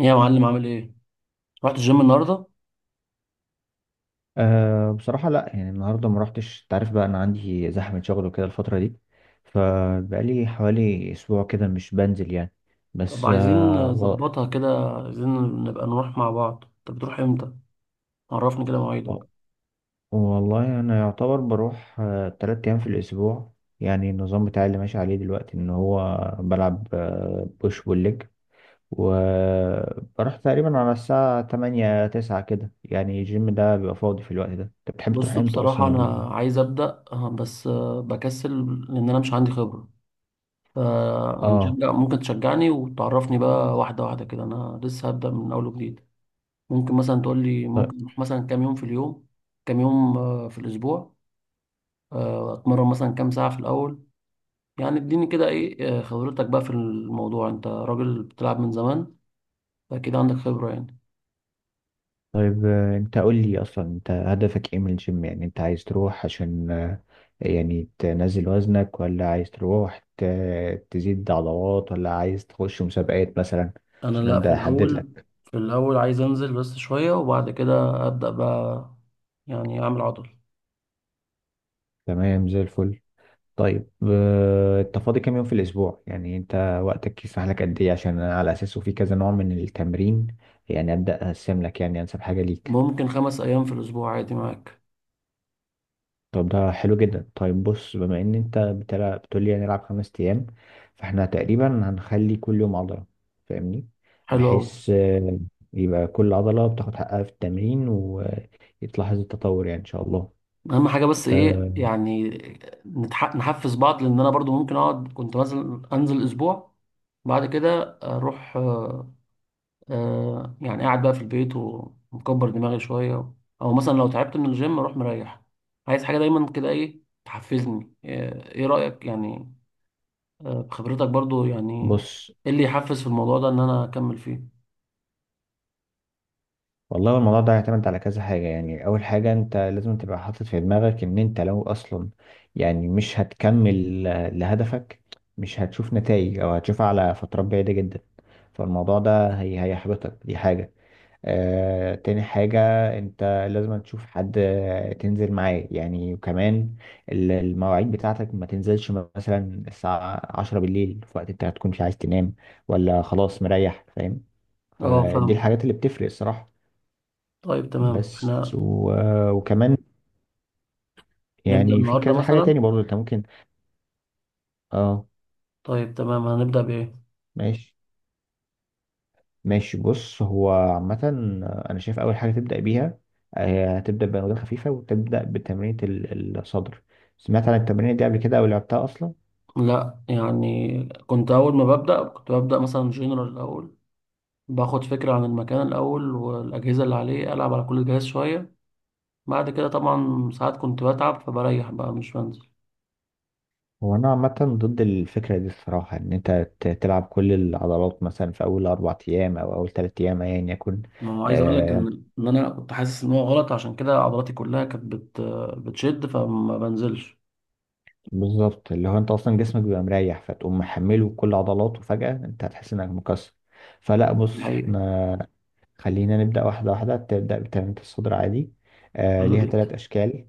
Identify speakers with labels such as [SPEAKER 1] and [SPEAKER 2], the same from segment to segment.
[SPEAKER 1] ايه يا معلم، عامل ايه؟ رحت الجيم النهارده؟
[SPEAKER 2] بصراحة، لا. يعني النهاردة ما رحتش، انت عارف بقى، أنا عندي زحمة شغل وكده الفترة دي. فبقالي حوالي أسبوع كده مش بنزل يعني.
[SPEAKER 1] طب
[SPEAKER 2] بس،
[SPEAKER 1] عايزين نظبطها كده، عايزين نبقى نروح مع بعض. طب بتروح امتى؟ عرفني كده مواعيدك.
[SPEAKER 2] و... والله أنا يعتبر بروح 3 أيام في الأسبوع. يعني النظام بتاعي اللي ماشي عليه دلوقتي إن هو بلعب بوش بول، وبروح تقريبا على الساعة تمانية تسعة كده. يعني الجيم ده بيبقى فاضي في الوقت ده. أنت بتحب تروح
[SPEAKER 1] بص،
[SPEAKER 2] إمتى
[SPEAKER 1] بصراحة
[SPEAKER 2] أصلا، ولا؟
[SPEAKER 1] أنا عايز أبدأ، بس بكسل، لأن أنا مش عندي خبرة.
[SPEAKER 2] آه
[SPEAKER 1] فهنشجع، ممكن تشجعني وتعرفني بقى واحدة واحدة كده. أنا لسه هبدأ من أول وجديد. ممكن مثلا تقول لي ممكن نروح مثلا كام يوم في اليوم، كام يوم في الأسبوع، أتمرن مثلا كام ساعة في الأول. يعني اديني كده إيه خبرتك بقى في الموضوع. أنت راجل بتلعب من زمان، أكيد عندك خبرة يعني.
[SPEAKER 2] طيب، انت قول لي اصلا، انت هدفك ايه من الجيم؟ يعني انت عايز تروح عشان يعني تنزل وزنك، ولا عايز تروح تزيد عضلات، ولا عايز تخش مسابقات مثلا؟
[SPEAKER 1] أنا
[SPEAKER 2] عشان
[SPEAKER 1] لأ، في
[SPEAKER 2] ابدا احدد
[SPEAKER 1] الأول
[SPEAKER 2] لك.
[SPEAKER 1] في الأول عايز أنزل بس شوية وبعد كده أبدأ بقى، يعني أعمل عضل.
[SPEAKER 2] تمام، زي الفل. طيب، انت فاضي كام يوم في الاسبوع؟ يعني انت وقتك يسمح لك قد ايه، عشان على اساسه في كذا نوع من التمرين. يعني ابدا اقسم لك يعني انسب حاجة ليك.
[SPEAKER 1] ممكن خمس أيام في الأسبوع عادي معاك.
[SPEAKER 2] طب ده حلو جدا. طيب بص، بما ان انت بتقول لي هنلعب 5 ايام، فاحنا تقريبا هنخلي كل يوم عضلة. فاهمني؟
[SPEAKER 1] حلو أوي.
[SPEAKER 2] بحيث يبقى كل عضلة بتاخد حقها في التمرين ويتلاحظ التطور يعني ان شاء الله.
[SPEAKER 1] أهم حاجة بس إيه
[SPEAKER 2] آه،
[SPEAKER 1] يعني؟ نحفز بعض، لأن أنا برضو ممكن أقعد. كنت مثلا أنزل أسبوع، بعد كده أروح، يعني قاعد بقى في البيت ومكبر دماغي شوية، أو مثلا لو تعبت من الجيم أروح مريح. عايز حاجة دايما كده إيه تحفزني. إيه رأيك يعني، بخبرتك برضو يعني؟
[SPEAKER 2] بص،
[SPEAKER 1] ايه اللي يحفز في الموضوع ده ان انا اكمل فيه؟
[SPEAKER 2] والله الموضوع ده يعتمد على كذا حاجة. يعني اول حاجة، انت لازم تبقى حاطط في دماغك ان انت لو اصلا يعني مش هتكمل لهدفك، مش هتشوف نتائج او هتشوفها على فترات بعيدة جدا، فالموضوع ده هي هيحبطك، دي حاجة. تاني حاجة، انت لازم تشوف حد تنزل معاه يعني. وكمان المواعيد بتاعتك ما تنزلش مثلا الساعة 10 بالليل، في وقت انت هتكون مش عايز تنام، ولا خلاص مريح. فاهم؟
[SPEAKER 1] اه،
[SPEAKER 2] فدي
[SPEAKER 1] فاهمك.
[SPEAKER 2] الحاجات اللي بتفرق الصراحة.
[SPEAKER 1] طيب تمام،
[SPEAKER 2] بس
[SPEAKER 1] احنا
[SPEAKER 2] و... آه، وكمان
[SPEAKER 1] نبدأ
[SPEAKER 2] يعني في
[SPEAKER 1] النهارده
[SPEAKER 2] كذا حاجة تاني
[SPEAKER 1] مثلا؟
[SPEAKER 2] برضو انت ممكن. اه
[SPEAKER 1] طيب تمام، هنبدأ بايه؟
[SPEAKER 2] ماشي ماشي. بص هو عامة، أنا شايف أول حاجة تبدأ بيها، هتبدأ بأوزان خفيفة وتبدأ بتمرينة الصدر. سمعت عن التمرينة دي قبل كده، أو لعبتها أصلا؟
[SPEAKER 1] لا يعني كنت اول ما ببدأ كنت ببدأ مثلا جنرال الاول، باخد فكرة عن المكان الاول والاجهزة اللي عليه، العب على كل جهاز شوية. بعد كده طبعا ساعات كنت بتعب فبريح بقى، مش بنزل.
[SPEAKER 2] هو أنا عامة ضد الفكرة دي الصراحة، إن أنت تلعب كل العضلات مثلا في أول 4 أيام أو أول 3 أيام، أيا يكن.
[SPEAKER 1] ما هو عايز اقول لك
[SPEAKER 2] آه
[SPEAKER 1] ان انا كنت حاسس ان هو غلط، عشان كده عضلاتي كلها كانت بتشد، فما بنزلش.
[SPEAKER 2] بالظبط. اللي هو أنت أصلا جسمك بيبقى مريح، فتقوم محمله كل عضلاته فجأة، أنت هتحس إنك مكسر. فلا بص،
[SPEAKER 1] الحقيقة.
[SPEAKER 2] احنا خلينا نبدأ واحدة واحدة، تبدأ بتنمية الصدر عادي.
[SPEAKER 1] حلو
[SPEAKER 2] ليها
[SPEAKER 1] جدا.
[SPEAKER 2] ثلاث أشكال.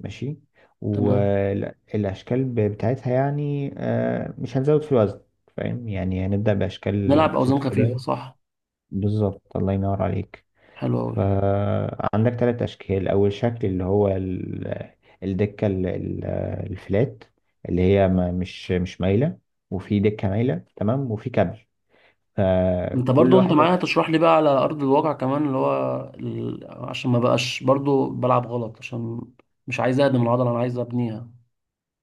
[SPEAKER 2] ماشي.
[SPEAKER 1] تمام.
[SPEAKER 2] والأشكال بتاعتها يعني مش هنزود في الوزن. فاهم؟ يعني هنبدأ بأشكال
[SPEAKER 1] نلعب اوزان
[SPEAKER 2] بسيطة
[SPEAKER 1] خفيفه
[SPEAKER 2] كده.
[SPEAKER 1] صح؟
[SPEAKER 2] بالظبط، الله ينور عليك.
[SPEAKER 1] حلو قوي.
[SPEAKER 2] فعندك ثلاث أشكال. أول شكل اللي هو الدكة، الفلات، اللي هي مش مايلة. وفي دكة مايلة، تمام، وفي كابل.
[SPEAKER 1] انت
[SPEAKER 2] فكل
[SPEAKER 1] برضو انت
[SPEAKER 2] واحدة...
[SPEAKER 1] معايا تشرح لي بقى على ارض الواقع كمان، اللي هو عشان ما بقاش برضو بلعب غلط، عشان مش عايز اهدم العضله، انا عايز ابنيها.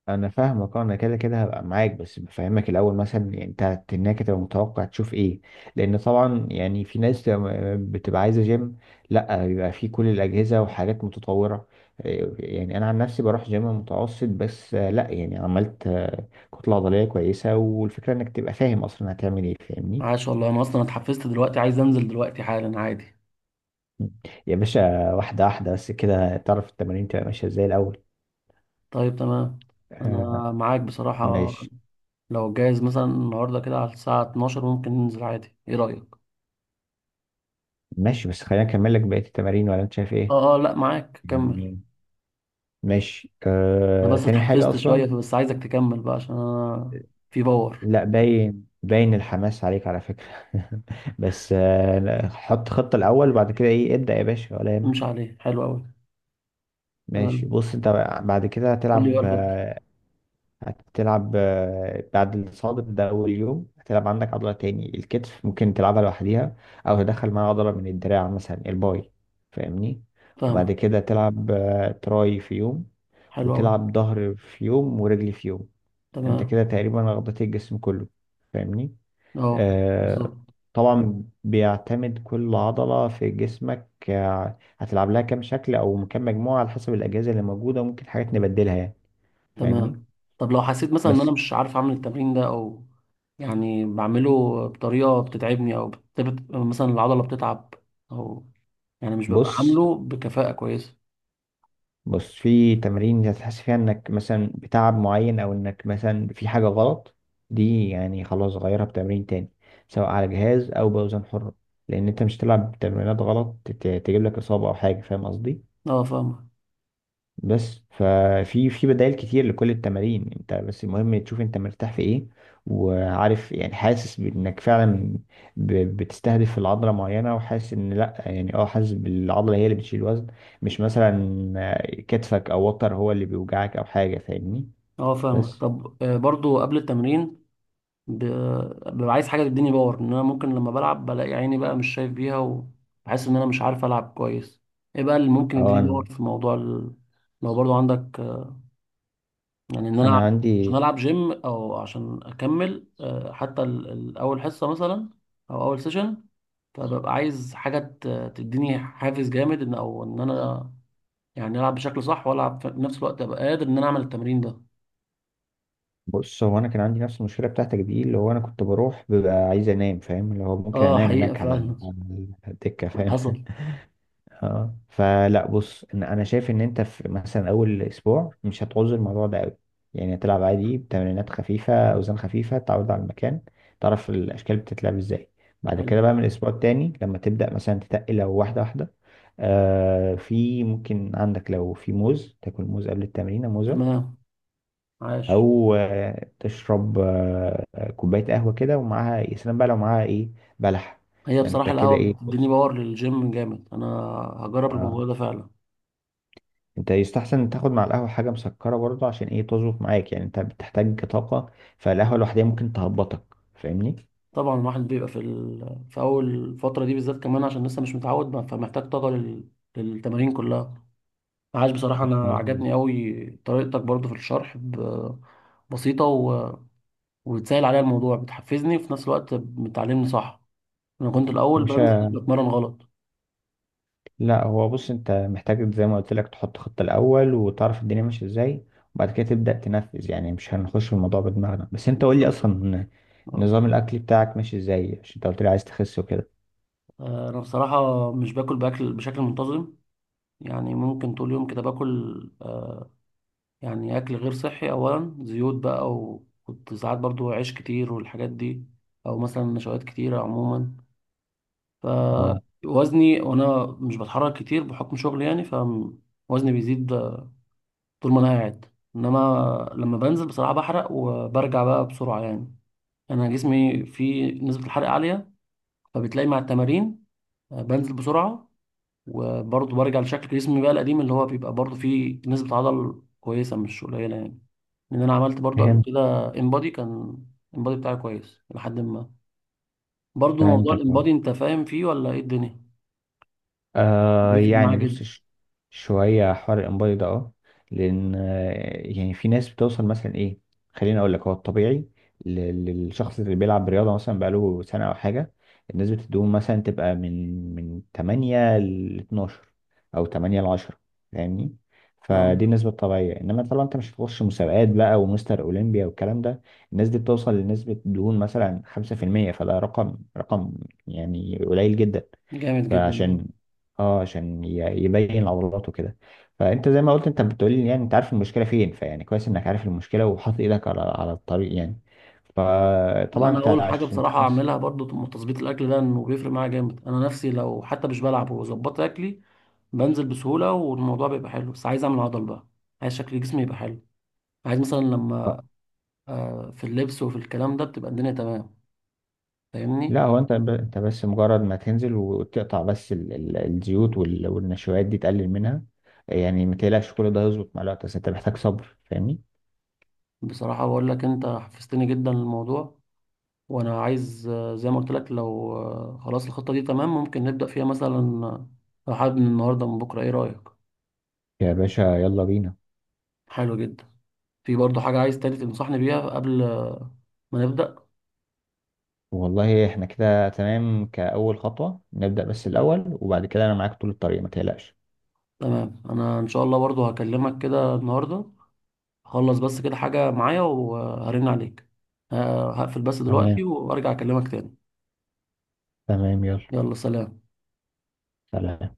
[SPEAKER 2] انا فاهمك. انا كده كده هبقى معاك، بس بفهمك الاول مثلا يعني انت هناك تبقى متوقع تشوف ايه. لان طبعا يعني في ناس تبقى بتبقى عايزه جيم، لا، بيبقى فيه كل الاجهزه وحاجات متطوره. إيه، يعني انا عن نفسي بروح جيم متوسط بس، لا يعني عملت كتله عضليه كويسه. والفكره انك تبقى فاهم اصلا هتعمل ايه. فاهمني؟
[SPEAKER 1] عاش والله، انا اصلا اتحفزت دلوقتي، عايز انزل دلوقتي حالا عادي.
[SPEAKER 2] يا باشا، واحده واحده، بس كده تعرف التمارين تبقى ماشيه ازاي الاول.
[SPEAKER 1] طيب تمام. انا
[SPEAKER 2] آه،
[SPEAKER 1] معاك بصراحه.
[SPEAKER 2] ماشي.
[SPEAKER 1] لو جايز مثلا النهارده كده على الساعه 12 ممكن ننزل عادي، ايه رايك؟
[SPEAKER 2] ماشي، بس خلينا اكمل لك بقيه التمارين، ولا انت شايف ايه؟
[SPEAKER 1] اه، اه، لا معاك، كمل.
[SPEAKER 2] ماشي.
[SPEAKER 1] انا بس
[SPEAKER 2] تاني حاجة
[SPEAKER 1] اتحفزت شويه،
[SPEAKER 2] أصلا...
[SPEAKER 1] بس عايزك تكمل بقى عشان انا في باور.
[SPEAKER 2] لا، باين باين الحماس عليك على فكرة. بس لا، حط خطة الأول وبعد كده إيه ابدأ، يا باشا، ولا
[SPEAKER 1] مش
[SPEAKER 2] يهمك.
[SPEAKER 1] عليه. حلو قوي.
[SPEAKER 2] ماشي
[SPEAKER 1] تمام.
[SPEAKER 2] بص أنت، بعد كده
[SPEAKER 1] قول لي
[SPEAKER 2] هتلعب
[SPEAKER 1] بقى.
[SPEAKER 2] آه، هتلعب آه، بعد الصادر ده أول يوم. هتلعب عندك عضلة تاني الكتف، ممكن تلعبها لوحديها، أو تدخل معاها عضلة من الدراع مثلا الباي. فاهمني؟ وبعد
[SPEAKER 1] فاهمة.
[SPEAKER 2] كده تلعب تراي في يوم،
[SPEAKER 1] حلو أوي.
[SPEAKER 2] وتلعب ظهر في يوم ورجل في يوم. انت
[SPEAKER 1] تمام.
[SPEAKER 2] كده تقريبا غطيت الجسم كله. فاهمني؟
[SPEAKER 1] أه،
[SPEAKER 2] آه
[SPEAKER 1] بالظبط.
[SPEAKER 2] طبعا بيعتمد كل عضلة في جسمك، هتلعب لها كام شكل او كام مجموعة على حسب الأجهزة اللي موجودة، وممكن حاجات نبدلها يعني. فاهمني؟
[SPEAKER 1] تمام. طب لو حسيت مثلا إن أنا
[SPEAKER 2] بس
[SPEAKER 1] مش عارف أعمل التمرين ده، أو يعني بعمله بطريقة بتتعبني، أو مثلا العضلة بتتعب، أو يعني مش ببقى
[SPEAKER 2] بص
[SPEAKER 1] عامله بكفاءة كويسة.
[SPEAKER 2] بص، في تمارين هتحس فيها انك مثلا بتعب معين، او انك مثلا في حاجة غلط. دي يعني خلاص غيرها بتمرين تاني، سواء على جهاز او باوزان حرة. لان انت مش تلعب تمرينات غلط تجيب لك اصابة او حاجة. فاهم قصدي؟
[SPEAKER 1] أه فاهمة.
[SPEAKER 2] بس ففي بدائل كتير لكل التمارين. انت بس المهم تشوف انت مرتاح في ايه، وعارف يعني حاسس بانك فعلا بتستهدف العضله معينه، وحاسس ان، لا يعني حاسس بالعضله هي اللي بتشيل وزن، مش مثلا كتفك او وتر هو اللي بيوجعك او حاجه. فاهمني؟
[SPEAKER 1] أه فاهمة.
[SPEAKER 2] بس،
[SPEAKER 1] طب برضو قبل التمرين، ب... ببقى عايز حاجة تديني باور، إن أنا ممكن لما بلعب بلاقي عيني بقى مش شايف بيها وبحس إن أنا مش عارف ألعب كويس. إيه بقى اللي ممكن
[SPEAKER 2] اه
[SPEAKER 1] يديني
[SPEAKER 2] انا
[SPEAKER 1] باور في موضوع لو برضو عندك، يعني ان انا
[SPEAKER 2] انا
[SPEAKER 1] عشان
[SPEAKER 2] عندي...
[SPEAKER 1] العب جيم، او عشان اكمل حتى اول حصه مثلا، او اول سيشن. فببقى عايز حاجه تديني حافز جامد ان انا يعني العب بشكل صح، والعب في نفس الوقت ابقى قادر ان انا اعمل التمرين ده.
[SPEAKER 2] بص، هو انا كان عندي نفس المشكله بتاعتك دي، اللي هو انا كنت بروح ببقى عايز انام، فاهم؟ اللي هو ممكن
[SPEAKER 1] اه،
[SPEAKER 2] انام
[SPEAKER 1] حقيقه
[SPEAKER 2] هناك على
[SPEAKER 1] فعلا.
[SPEAKER 2] على الدكه. فاهم؟
[SPEAKER 1] حصل.
[SPEAKER 2] اه فلا بص، ان انا شايف ان انت في مثلا اول اسبوع مش هتعوز الموضوع ده قوي. يعني هتلعب عادي بتمرينات خفيفه، اوزان خفيفه، تعود على المكان، تعرف الاشكال بتتلعب ازاي. بعد
[SPEAKER 1] حلو.
[SPEAKER 2] كده بقى، من الاسبوع التاني لما تبدا مثلا تتقل، لو واحده واحده. في، ممكن عندك لو في موز تاكل موز قبل التمرين، موزه.
[SPEAKER 1] تمام. عاش.
[SPEAKER 2] او تشرب كوبايه قهوه كده. ومعاها يا سلام بقى لو معاها ايه، بلح.
[SPEAKER 1] هي
[SPEAKER 2] انت
[SPEAKER 1] بصراحه
[SPEAKER 2] كده،
[SPEAKER 1] القهوه
[SPEAKER 2] ايه؟
[SPEAKER 1] بتديني
[SPEAKER 2] بص.
[SPEAKER 1] باور للجيم جامد. انا هجرب
[SPEAKER 2] اه
[SPEAKER 1] الموضوع ده فعلا.
[SPEAKER 2] انت يستحسن تاخد مع القهوة حاجة مسكرة برضه، عشان ايه تظبط معاك، يعني انت بتحتاج طاقة. فالقهوة لوحدها ممكن تهبطك. فاهمني؟
[SPEAKER 1] طبعا الواحد بيبقى في في اول فتره دي بالذات، كمان عشان لسه مش متعود، فمحتاج طاقه للتمارين كلها. عاش، بصراحة أنا
[SPEAKER 2] مظبوط.
[SPEAKER 1] عجبني أوي طريقتك برضو في الشرح، بسيطة وبتسهل عليا الموضوع، بتحفزني وفي نفس الوقت بتعلمني صح. أنا كنت
[SPEAKER 2] يا
[SPEAKER 1] الأول بنزل
[SPEAKER 2] باشا،
[SPEAKER 1] بتمرن غلط.
[SPEAKER 2] لا هو بص، انت محتاج زي ما قلت لك تحط خطة الأول وتعرف الدنيا ماشية ازاي، وبعد كده تبدأ تنفذ. يعني مش هنخش في الموضوع بدماغنا، بس انت قول لي
[SPEAKER 1] بالظبط.
[SPEAKER 2] اصلا،
[SPEAKER 1] أه.
[SPEAKER 2] نظام الأكل بتاعك ماشي ازاي؟ عشان انت قلت لي عايز تخس وكده.
[SPEAKER 1] أنا بصراحة مش باكل بأكل بشكل منتظم. يعني ممكن طول يوم كده باكل، يعني أكل غير صحي، أولا زيوت بقى، وكنت ساعات برضو عيش كتير والحاجات دي، أو مثلا نشويات كتيرة عموما.
[SPEAKER 2] اه
[SPEAKER 1] فوزني وانا مش بتحرك كتير بحكم شغلي يعني، فوزني بيزيد طول ما انا قاعد. انما لما بنزل بصراحة بحرق، وبرجع بقى بسرعة يعني. انا جسمي فيه نسبة الحرق عالية، فبتلاقي مع التمارين بنزل بسرعة. وبرضه برجع لشكل جسمي بقى القديم، اللي هو بيبقى برضه فيه نسبة عضل كويسة، مش قليلة يعني. لان انا عملت برضه قبل
[SPEAKER 2] فهمت.
[SPEAKER 1] كده انبادي كان. الانبادي بتاعي كويس لحد ما. برضه موضوع
[SPEAKER 2] فهمتك.
[SPEAKER 1] الانبادي انت فاهم فيه ولا ايه الدنيا؟ بيفرق
[SPEAKER 2] يعني
[SPEAKER 1] معايا
[SPEAKER 2] بص،
[SPEAKER 1] جدا.
[SPEAKER 2] شوية حوار الإنبادي ده، اه. لأن، يعني في ناس بتوصل مثلا إيه، خليني أقول لك. هو الطبيعي للشخص اللي بيلعب رياضة مثلا بقاله سنة أو حاجة، الناس بتدوم مثلا تبقى من 8 ل 12، أو 8 ل 10. فاهمني؟ فدي
[SPEAKER 1] اه،
[SPEAKER 2] النسبة الطبيعية، إنما طبعا أنت مش هتخش مسابقات بقى ومستر أولمبيا والكلام ده. الناس دي بتوصل لنسبة دهون مثلا 5%، فده رقم، رقم يعني قليل جدا.
[SPEAKER 1] جامد جدا ده.
[SPEAKER 2] فعشان اه عشان يبين عضلاته كده. فانت زي ما قلت، انت بتقولي يعني انت عارف المشكله فين، فيعني كويس انك عارف المشكله وحاطط ايدك على الطريق يعني.
[SPEAKER 1] لا
[SPEAKER 2] فطبعا
[SPEAKER 1] انا
[SPEAKER 2] انت
[SPEAKER 1] اقول حاجه
[SPEAKER 2] عشان
[SPEAKER 1] بصراحه
[SPEAKER 2] تخس...
[SPEAKER 1] اعملها برضو. تظبيط الاكل ده انه بيفرق معايا جامد. انا نفسي لو حتى مش بلعب وظبطت اكلي بنزل بسهوله، والموضوع بيبقى حلو. بس عايز اعمل عضل بقى، عايز شكل جسمي يبقى حلو. عايز مثلا
[SPEAKER 2] آه،
[SPEAKER 1] لما في اللبس وفي الكلام ده بتبقى الدنيا تمام،
[SPEAKER 2] لا
[SPEAKER 1] فاهمني.
[SPEAKER 2] هو انت انت بس مجرد ما تنزل وتقطع بس الزيوت والنشويات دي، تقلل منها. يعني ما تقلقش، كل ده هيظبط مع الوقت، بس انت محتاج صبر. فاهمني؟
[SPEAKER 1] بصراحه بقول لك انت حفزتني جدا للموضوع. وانا عايز، زي ما قلت لك، لو خلاص الخطه دي تمام، ممكن نبدا فيها مثلا، آه، لو حابب من النهارده من بكره، ايه رايك؟
[SPEAKER 2] يا باشا، يلا بينا.
[SPEAKER 1] حلو جدا. في برضه حاجة عايز تاني تنصحني بيها قبل ما نبدأ؟
[SPEAKER 2] والله احنا كده تمام، كأول خطوة نبدأ بس الأول، وبعد كده أنا معاك طول الطريق، ما تقلقش.
[SPEAKER 1] تمام. أنا إن شاء الله برضه هكلمك كده النهاردة. هخلص بس كده حاجة معايا وهرن عليك. ه- هقفل بس دلوقتي
[SPEAKER 2] تمام.
[SPEAKER 1] وأرجع أكلمك تاني.
[SPEAKER 2] تمام، يلا.
[SPEAKER 1] يلا سلام.
[SPEAKER 2] سلام.